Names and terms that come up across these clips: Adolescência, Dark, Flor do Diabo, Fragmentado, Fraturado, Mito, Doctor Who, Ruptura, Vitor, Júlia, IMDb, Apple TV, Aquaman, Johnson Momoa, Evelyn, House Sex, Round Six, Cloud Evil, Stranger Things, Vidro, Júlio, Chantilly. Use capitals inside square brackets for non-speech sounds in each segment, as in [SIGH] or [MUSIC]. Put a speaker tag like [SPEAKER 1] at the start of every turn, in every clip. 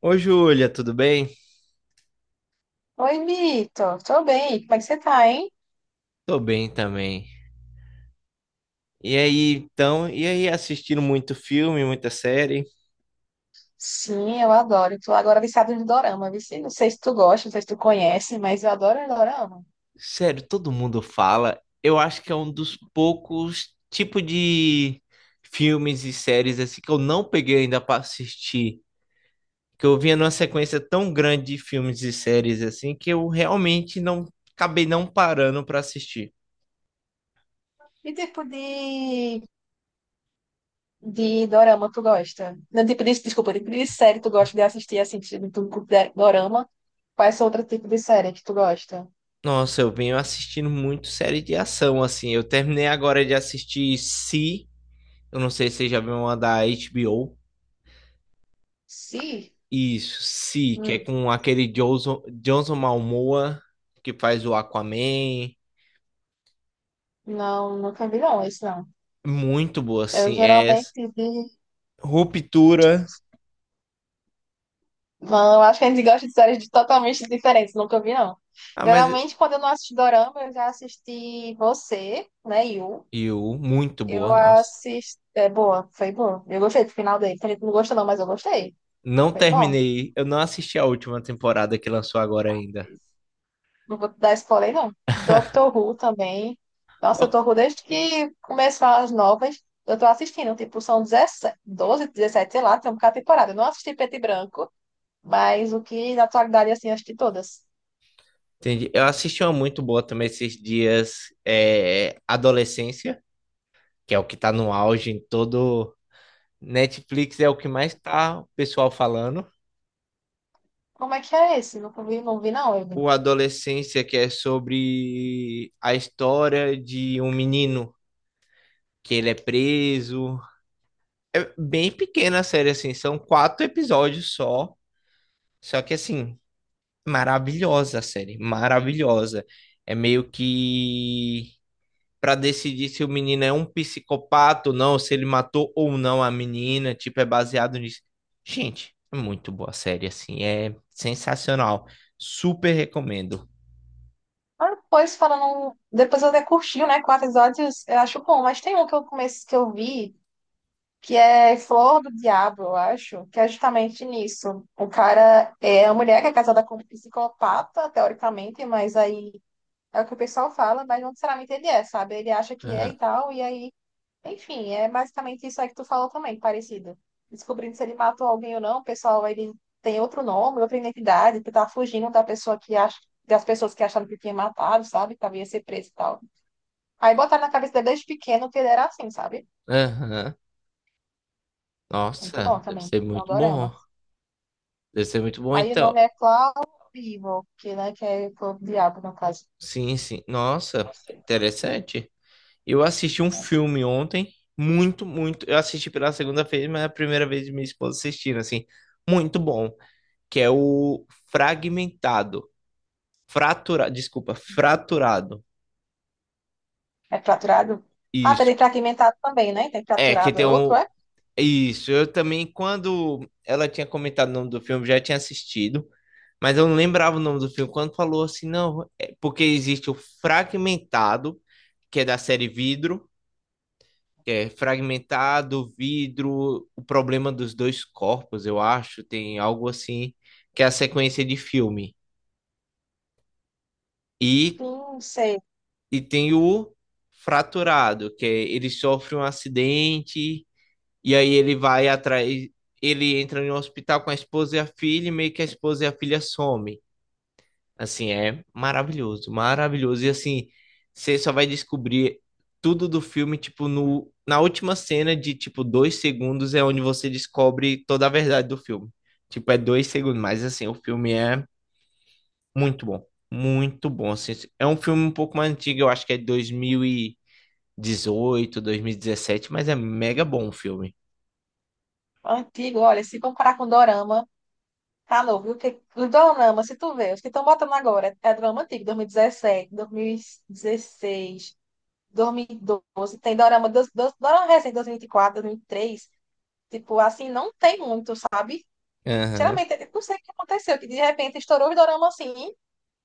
[SPEAKER 1] Ô, Júlia, tudo bem?
[SPEAKER 2] Oi, Mito. Tô bem. Como é que você tá, hein?
[SPEAKER 1] Tô bem também. E aí, então, e aí, assistindo muito filme, muita série?
[SPEAKER 2] Sim, eu adoro. Tô agora viciada em dorama, vici. Não sei se tu gosta, não sei se tu conhece, mas eu adoro dorama.
[SPEAKER 1] Sério, todo mundo fala. Eu acho que é um dos poucos tipos de filmes e séries assim que eu não peguei ainda pra assistir. Que eu vinha numa sequência tão grande de filmes e séries assim que eu realmente não acabei não parando pra assistir.
[SPEAKER 2] Que tipo de dorama tu gosta? Não, tipo de, desculpa, tipo de série tu gosta de assistir, assim, tipo de dorama? Quais são outros tipos de série que tu gosta?
[SPEAKER 1] Nossa, eu venho assistindo muito série de ação assim. Eu terminei agora de assistir Si Eu não sei se já viu uma da HBO.
[SPEAKER 2] Sim.
[SPEAKER 1] Isso, sim, que é
[SPEAKER 2] Hum.
[SPEAKER 1] com aquele Johnson Momoa que faz o Aquaman.
[SPEAKER 2] Não, nunca vi não, esse não.
[SPEAKER 1] Muito boa,
[SPEAKER 2] Eu
[SPEAKER 1] sim. É essa.
[SPEAKER 2] geralmente vi.
[SPEAKER 1] Ruptura.
[SPEAKER 2] Não, acho que a gente gosta de séries totalmente diferentes, nunca vi, não.
[SPEAKER 1] Ah, mas
[SPEAKER 2] Geralmente, quando eu não assisto Dorama, eu já assisti Você, né, Yu.
[SPEAKER 1] e o muito
[SPEAKER 2] Eu
[SPEAKER 1] boa, nossa.
[SPEAKER 2] assisti. É boa, foi bom. Eu gostei do final dele. Tem gente que não gostou, não, mas eu gostei.
[SPEAKER 1] Não
[SPEAKER 2] Foi bom.
[SPEAKER 1] terminei, eu não assisti a última temporada que lançou agora ainda.
[SPEAKER 2] Não vou dar spoiler, não. Doctor Who também. Nossa,
[SPEAKER 1] Ó,
[SPEAKER 2] Doctor Who, desde que começaram as novas, eu tô assistindo. Tipo, são 17, 12, 17, sei lá, tem um cada temporada. Eu não assisti Preto e Branco, mas o que na atualidade, assim, eu assisti todas.
[SPEAKER 1] entendi. Eu assisti uma muito boa também esses dias, é, Adolescência, que é o que tá no auge em todo Netflix, é o que mais tá o pessoal falando.
[SPEAKER 2] Como é que é esse? Não vi, não vi não, Evelyn.
[SPEAKER 1] O Adolescência, que é sobre a história de um menino que ele é preso. É bem pequena a série, assim, são quatro episódios só. Só que, assim, maravilhosa a série, maravilhosa. É meio que para decidir se o menino é um psicopata ou não, se ele matou ou não a menina, tipo, é baseado nisso. Gente, é muito boa a série, assim, é sensacional. Super recomendo.
[SPEAKER 2] Ah, depois falando. Depois eu até curti, né? Quatro episódios, eu acho bom, mas tem um que eu comecei que eu vi, que é Flor do Diabo, eu acho, que é justamente nisso. O cara é a mulher que é casada com um psicopata, teoricamente, mas aí é o que o pessoal fala, mas não necessariamente ele é, sabe? Ele acha que é
[SPEAKER 1] Aham,
[SPEAKER 2] e tal, e aí. Enfim, é basicamente isso aí que tu falou também, parecido. Descobrindo se ele matou alguém ou não, o pessoal ele tem outro nome, outra identidade, que tá fugindo da pessoa que acha, das pessoas que acharam que tinha matado, sabe? Que havia ser preso e tal. Aí botaram na cabeça dele desde pequeno que ele era assim, sabe?
[SPEAKER 1] aham.
[SPEAKER 2] Muito
[SPEAKER 1] Nossa,
[SPEAKER 2] bom
[SPEAKER 1] deve
[SPEAKER 2] também.
[SPEAKER 1] ser
[SPEAKER 2] É um
[SPEAKER 1] muito bom.
[SPEAKER 2] dorama.
[SPEAKER 1] Deve ser muito bom,
[SPEAKER 2] Aí o
[SPEAKER 1] então.
[SPEAKER 2] nome é Cloud Evil, que, né, que é o diabo, no caso.
[SPEAKER 1] Sim, sim. Nossa, interessante. Eu assisti um filme ontem, muito, muito. Eu assisti pela segunda vez, mas é a primeira vez de minha esposa assistindo, assim. Muito bom. Que é o Fragmentado. Fraturado. Desculpa, Fraturado.
[SPEAKER 2] É fraturado? Ah,
[SPEAKER 1] Isso.
[SPEAKER 2] tem fragmentado também, né? Tem
[SPEAKER 1] É, que
[SPEAKER 2] fraturado,
[SPEAKER 1] tem
[SPEAKER 2] é outro,
[SPEAKER 1] um.
[SPEAKER 2] é?
[SPEAKER 1] Isso, eu também, quando ela tinha comentado o nome do filme, já tinha assistido, mas eu não lembrava o nome do filme. Quando falou assim, não, é porque existe o Fragmentado, que é da série Vidro, que é Fragmentado, Vidro, o problema dos dois corpos, eu acho, tem algo assim, que é a sequência de filme. E,
[SPEAKER 2] Sim, sei.
[SPEAKER 1] e tem o Fraturado, que é, ele sofre um acidente. E aí ele vai atrás, ele entra em um hospital com a esposa e a filha, e meio que a esposa e a filha somem. Assim, é maravilhoso, maravilhoso. E assim, você só vai descobrir tudo do filme, tipo, no, na última cena de, tipo, 2 segundos é onde você descobre toda a verdade do filme. Tipo, é 2 segundos, mas assim, o filme é muito bom, muito bom. Assim, é um filme um pouco mais antigo, eu acho que é dois mil e dezoito, 2017, mas é mega bom o filme.
[SPEAKER 2] Antigo, olha, se comparar com Dorama, tá novo, viu? Porque os Dorama, se tu vê, os que estão botando agora, é Dorama antigo, dois mil dezessete, 2016, 2017, 2016, 12. Tem Dorama, Dorama recente, 2024, três. Tipo, assim, não tem muito, sabe?
[SPEAKER 1] Aham.
[SPEAKER 2] Sinceramente, eu não sei o que aconteceu, que de repente estourou os doramas assim.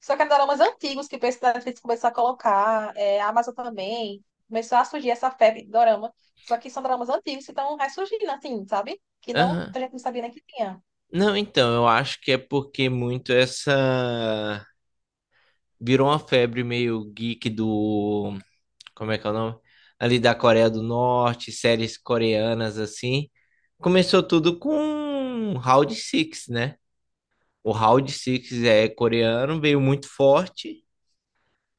[SPEAKER 2] Só que eram doramas antigos que a Netflix começou a colocar, é, a Amazon também. Começou a surgir essa febre de dorama. Só que são doramas antigos que estão ressurgindo, assim, sabe? Que não,
[SPEAKER 1] Aham.
[SPEAKER 2] a gente não sabia nem que tinha.
[SPEAKER 1] Não, então, eu acho que é porque muito essa. Virou uma febre meio geek do. Como é que é o nome? Ali da Coreia do Norte, séries coreanas assim. Começou tudo com Round Six, né? O Round Six é coreano, veio muito forte.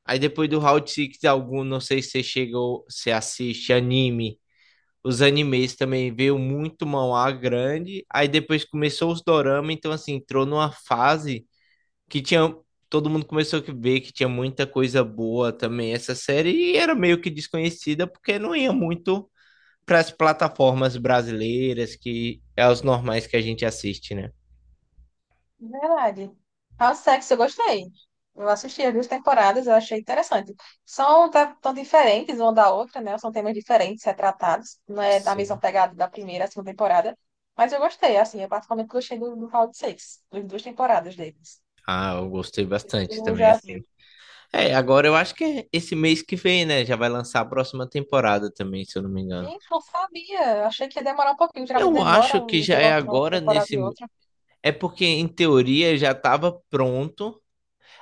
[SPEAKER 1] Aí depois do Round Six algum, não sei se você chegou, se assiste anime. Os animes também veio muito manhwa grande. Aí depois começou os dorama, então assim, entrou numa fase que tinha. Todo mundo começou a ver que tinha muita coisa boa também essa série e era meio que desconhecida porque não ia muito para as plataformas brasileiras que é os normais que a gente assiste, né?
[SPEAKER 2] Verdade. House Sex, eu gostei. Eu assisti as duas temporadas, eu achei interessante. São tão diferentes uma da outra, né? São temas diferentes retratados. Não é da mesma
[SPEAKER 1] Sim.
[SPEAKER 2] pegada da primeira, a segunda temporada. Mas eu gostei, assim, eu particularmente gostei do House Sex, das duas temporadas deles.
[SPEAKER 1] Ah, eu gostei
[SPEAKER 2] Se
[SPEAKER 1] bastante
[SPEAKER 2] tu
[SPEAKER 1] também,
[SPEAKER 2] já
[SPEAKER 1] assim.
[SPEAKER 2] viu?
[SPEAKER 1] É, agora eu acho que é esse mês que vem, né? Já vai lançar a próxima temporada também, se eu não me engano.
[SPEAKER 2] Gente, não sabia. Eu achei que ia demorar um pouquinho. Geralmente
[SPEAKER 1] Eu
[SPEAKER 2] demora
[SPEAKER 1] acho que já
[SPEAKER 2] entre
[SPEAKER 1] é
[SPEAKER 2] uma
[SPEAKER 1] agora
[SPEAKER 2] temporada
[SPEAKER 1] nesse.
[SPEAKER 2] e outra.
[SPEAKER 1] É porque, em teoria, já estava pronto.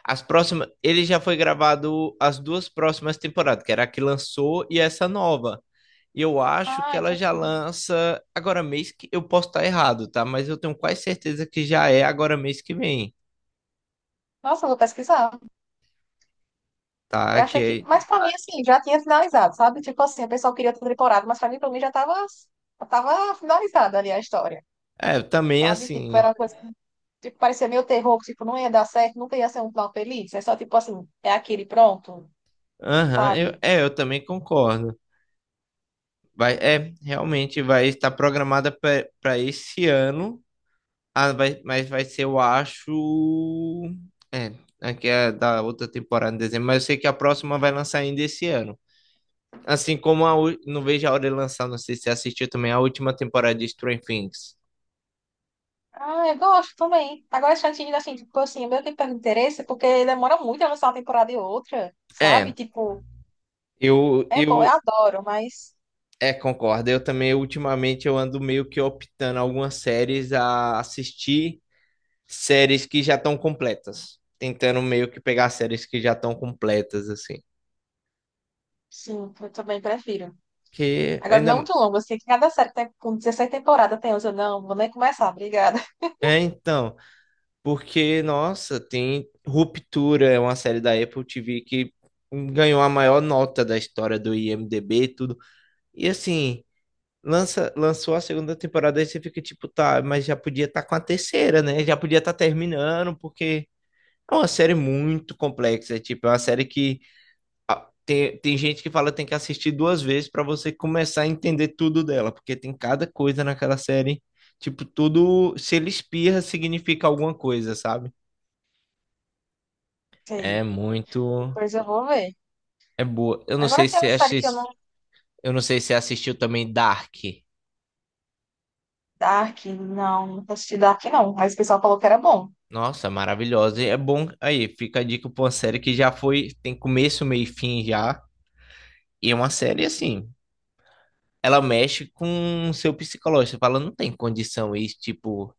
[SPEAKER 1] As próximas, ele já foi gravado as duas próximas temporadas, que era a que lançou e essa nova. E eu acho
[SPEAKER 2] Ah,
[SPEAKER 1] que ela
[SPEAKER 2] então.
[SPEAKER 1] já lança agora mês que eu posso estar errado, tá? Mas eu tenho quase certeza que já é agora mês que vem,
[SPEAKER 2] Nossa, eu vou pesquisar. Eu
[SPEAKER 1] tá?
[SPEAKER 2] achei que.
[SPEAKER 1] Que
[SPEAKER 2] Mas pra mim, assim, já tinha finalizado, sabe? Tipo assim, o pessoal queria outra temporada, mas pra mim já tava finalizada ali a história,
[SPEAKER 1] é, também
[SPEAKER 2] sabe? Tipo,
[SPEAKER 1] assim.
[SPEAKER 2] era uma coisa. Tipo, parecia meio terror, que, tipo, não ia dar certo, nunca ia ser um final feliz. É só, tipo assim, é aquele pronto,
[SPEAKER 1] Aham, eu,
[SPEAKER 2] sabe?
[SPEAKER 1] é, eu também concordo. Vai, é, realmente vai estar programada para esse ano, ah, vai, mas vai ser, eu acho, é, aqui é da outra temporada em dezembro, mas eu sei que a próxima vai lançar ainda esse ano. Assim como a, não vejo a hora de lançar, não sei se você assistiu também a última temporada de Stranger Things.
[SPEAKER 2] Ah, eu gosto também. Agora, Chantilly, assim, tipo assim, eu meio que perde interesse, porque demora muito a lançar uma temporada e outra, sabe?
[SPEAKER 1] É,
[SPEAKER 2] Tipo, é bom,
[SPEAKER 1] eu
[SPEAKER 2] eu adoro, mas
[SPEAKER 1] é, concordo. Eu também, ultimamente, eu ando meio que optando algumas séries a assistir séries que já estão completas. Tentando meio que pegar séries que já estão completas, assim.
[SPEAKER 2] sim, eu também prefiro.
[SPEAKER 1] Que
[SPEAKER 2] Agora, não
[SPEAKER 1] ainda.
[SPEAKER 2] muito longo, assim, que cada série que tem, com 16 temporadas tem 11. Não, vou nem começar, obrigada. [LAUGHS]
[SPEAKER 1] É, então, porque, nossa, tem Ruptura, é uma série da Apple TV que ganhou a maior nota da história do IMDb e tudo. E assim, lança, lançou a segunda temporada e você fica tipo, tá, mas já podia estar com a terceira, né? Já podia estar terminando, porque é uma série muito complexa. É, tipo, é uma série que ah, tem gente que fala que tem que assistir duas vezes para você começar a entender tudo dela, porque tem cada coisa naquela série. Tipo, tudo, se ele espirra, significa alguma coisa, sabe?
[SPEAKER 2] Ok,
[SPEAKER 1] É muito.
[SPEAKER 2] depois eu vou ver.
[SPEAKER 1] É boa. Eu não
[SPEAKER 2] Agora
[SPEAKER 1] sei
[SPEAKER 2] tem
[SPEAKER 1] se
[SPEAKER 2] uma série que eu não.
[SPEAKER 1] eu não sei se você assistiu também Dark.
[SPEAKER 2] Dark, não, não assisti Dark, não. Mas o pessoal falou que era bom.
[SPEAKER 1] Nossa, maravilhosa. E é bom. Aí, fica a dica pra uma série que já foi, tem começo, meio e fim já. E é uma série assim. Ela mexe com o seu psicológico. Você fala, não tem condição isso, tipo.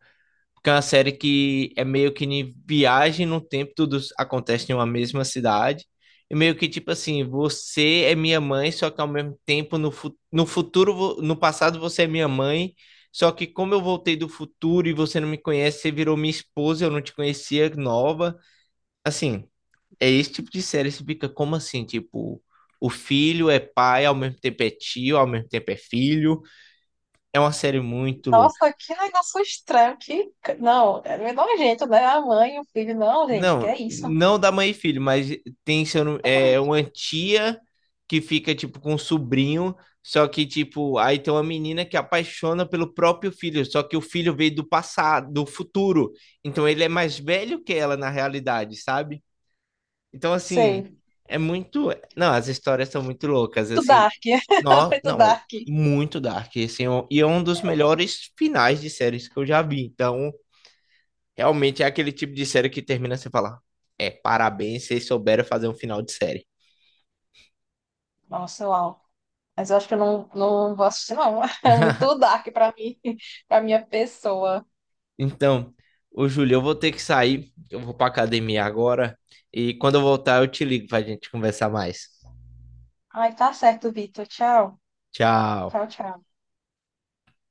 [SPEAKER 1] Porque é uma série que é meio que em viagem no tempo, tudo acontece em uma mesma cidade. E meio que tipo assim, você é minha mãe, só que ao mesmo tempo no, no futuro, no passado você é minha mãe. Só que como eu voltei do futuro e você não me conhece, você virou minha esposa, eu não te conhecia, nova. Assim, é esse tipo de série, você fica como assim, tipo, o filho é pai, ao mesmo tempo é tio, ao mesmo tempo é filho. É uma série muito louca.
[SPEAKER 2] Nossa, que negócio estranho, que. Não, é meio nojento, né? A mãe e o filho, não, gente, que
[SPEAKER 1] Não,
[SPEAKER 2] é isso?
[SPEAKER 1] não da mãe e filho, mas tem seu, é uma tia que fica tipo com um sobrinho, só que tipo, aí tem uma menina que apaixona pelo próprio filho, só que o filho veio do passado, do futuro. Então ele é mais velho que ela na realidade, sabe? Então, assim,
[SPEAKER 2] Sei.
[SPEAKER 1] é muito. Não, as histórias são muito loucas,
[SPEAKER 2] Muito
[SPEAKER 1] assim.
[SPEAKER 2] Dark, [LAUGHS]
[SPEAKER 1] Não,
[SPEAKER 2] muito
[SPEAKER 1] não,
[SPEAKER 2] Dark.
[SPEAKER 1] muito dark, assim, e é um dos melhores finais de séries que eu já vi. Então, realmente é aquele tipo de série que termina sem falar. É, parabéns, vocês souberam fazer um final de série.
[SPEAKER 2] Nossa, uau. Mas eu acho que eu não, não vou assistir, não. [LAUGHS] É muito
[SPEAKER 1] [LAUGHS]
[SPEAKER 2] Dark pra mim, [LAUGHS] pra minha pessoa.
[SPEAKER 1] Então, ô Júlio, eu vou ter que sair, eu vou pra academia agora, e quando eu voltar eu te ligo pra gente conversar mais.
[SPEAKER 2] Ai, tá certo, Vitor. Tchau.
[SPEAKER 1] Tchau.
[SPEAKER 2] Tchau, tchau.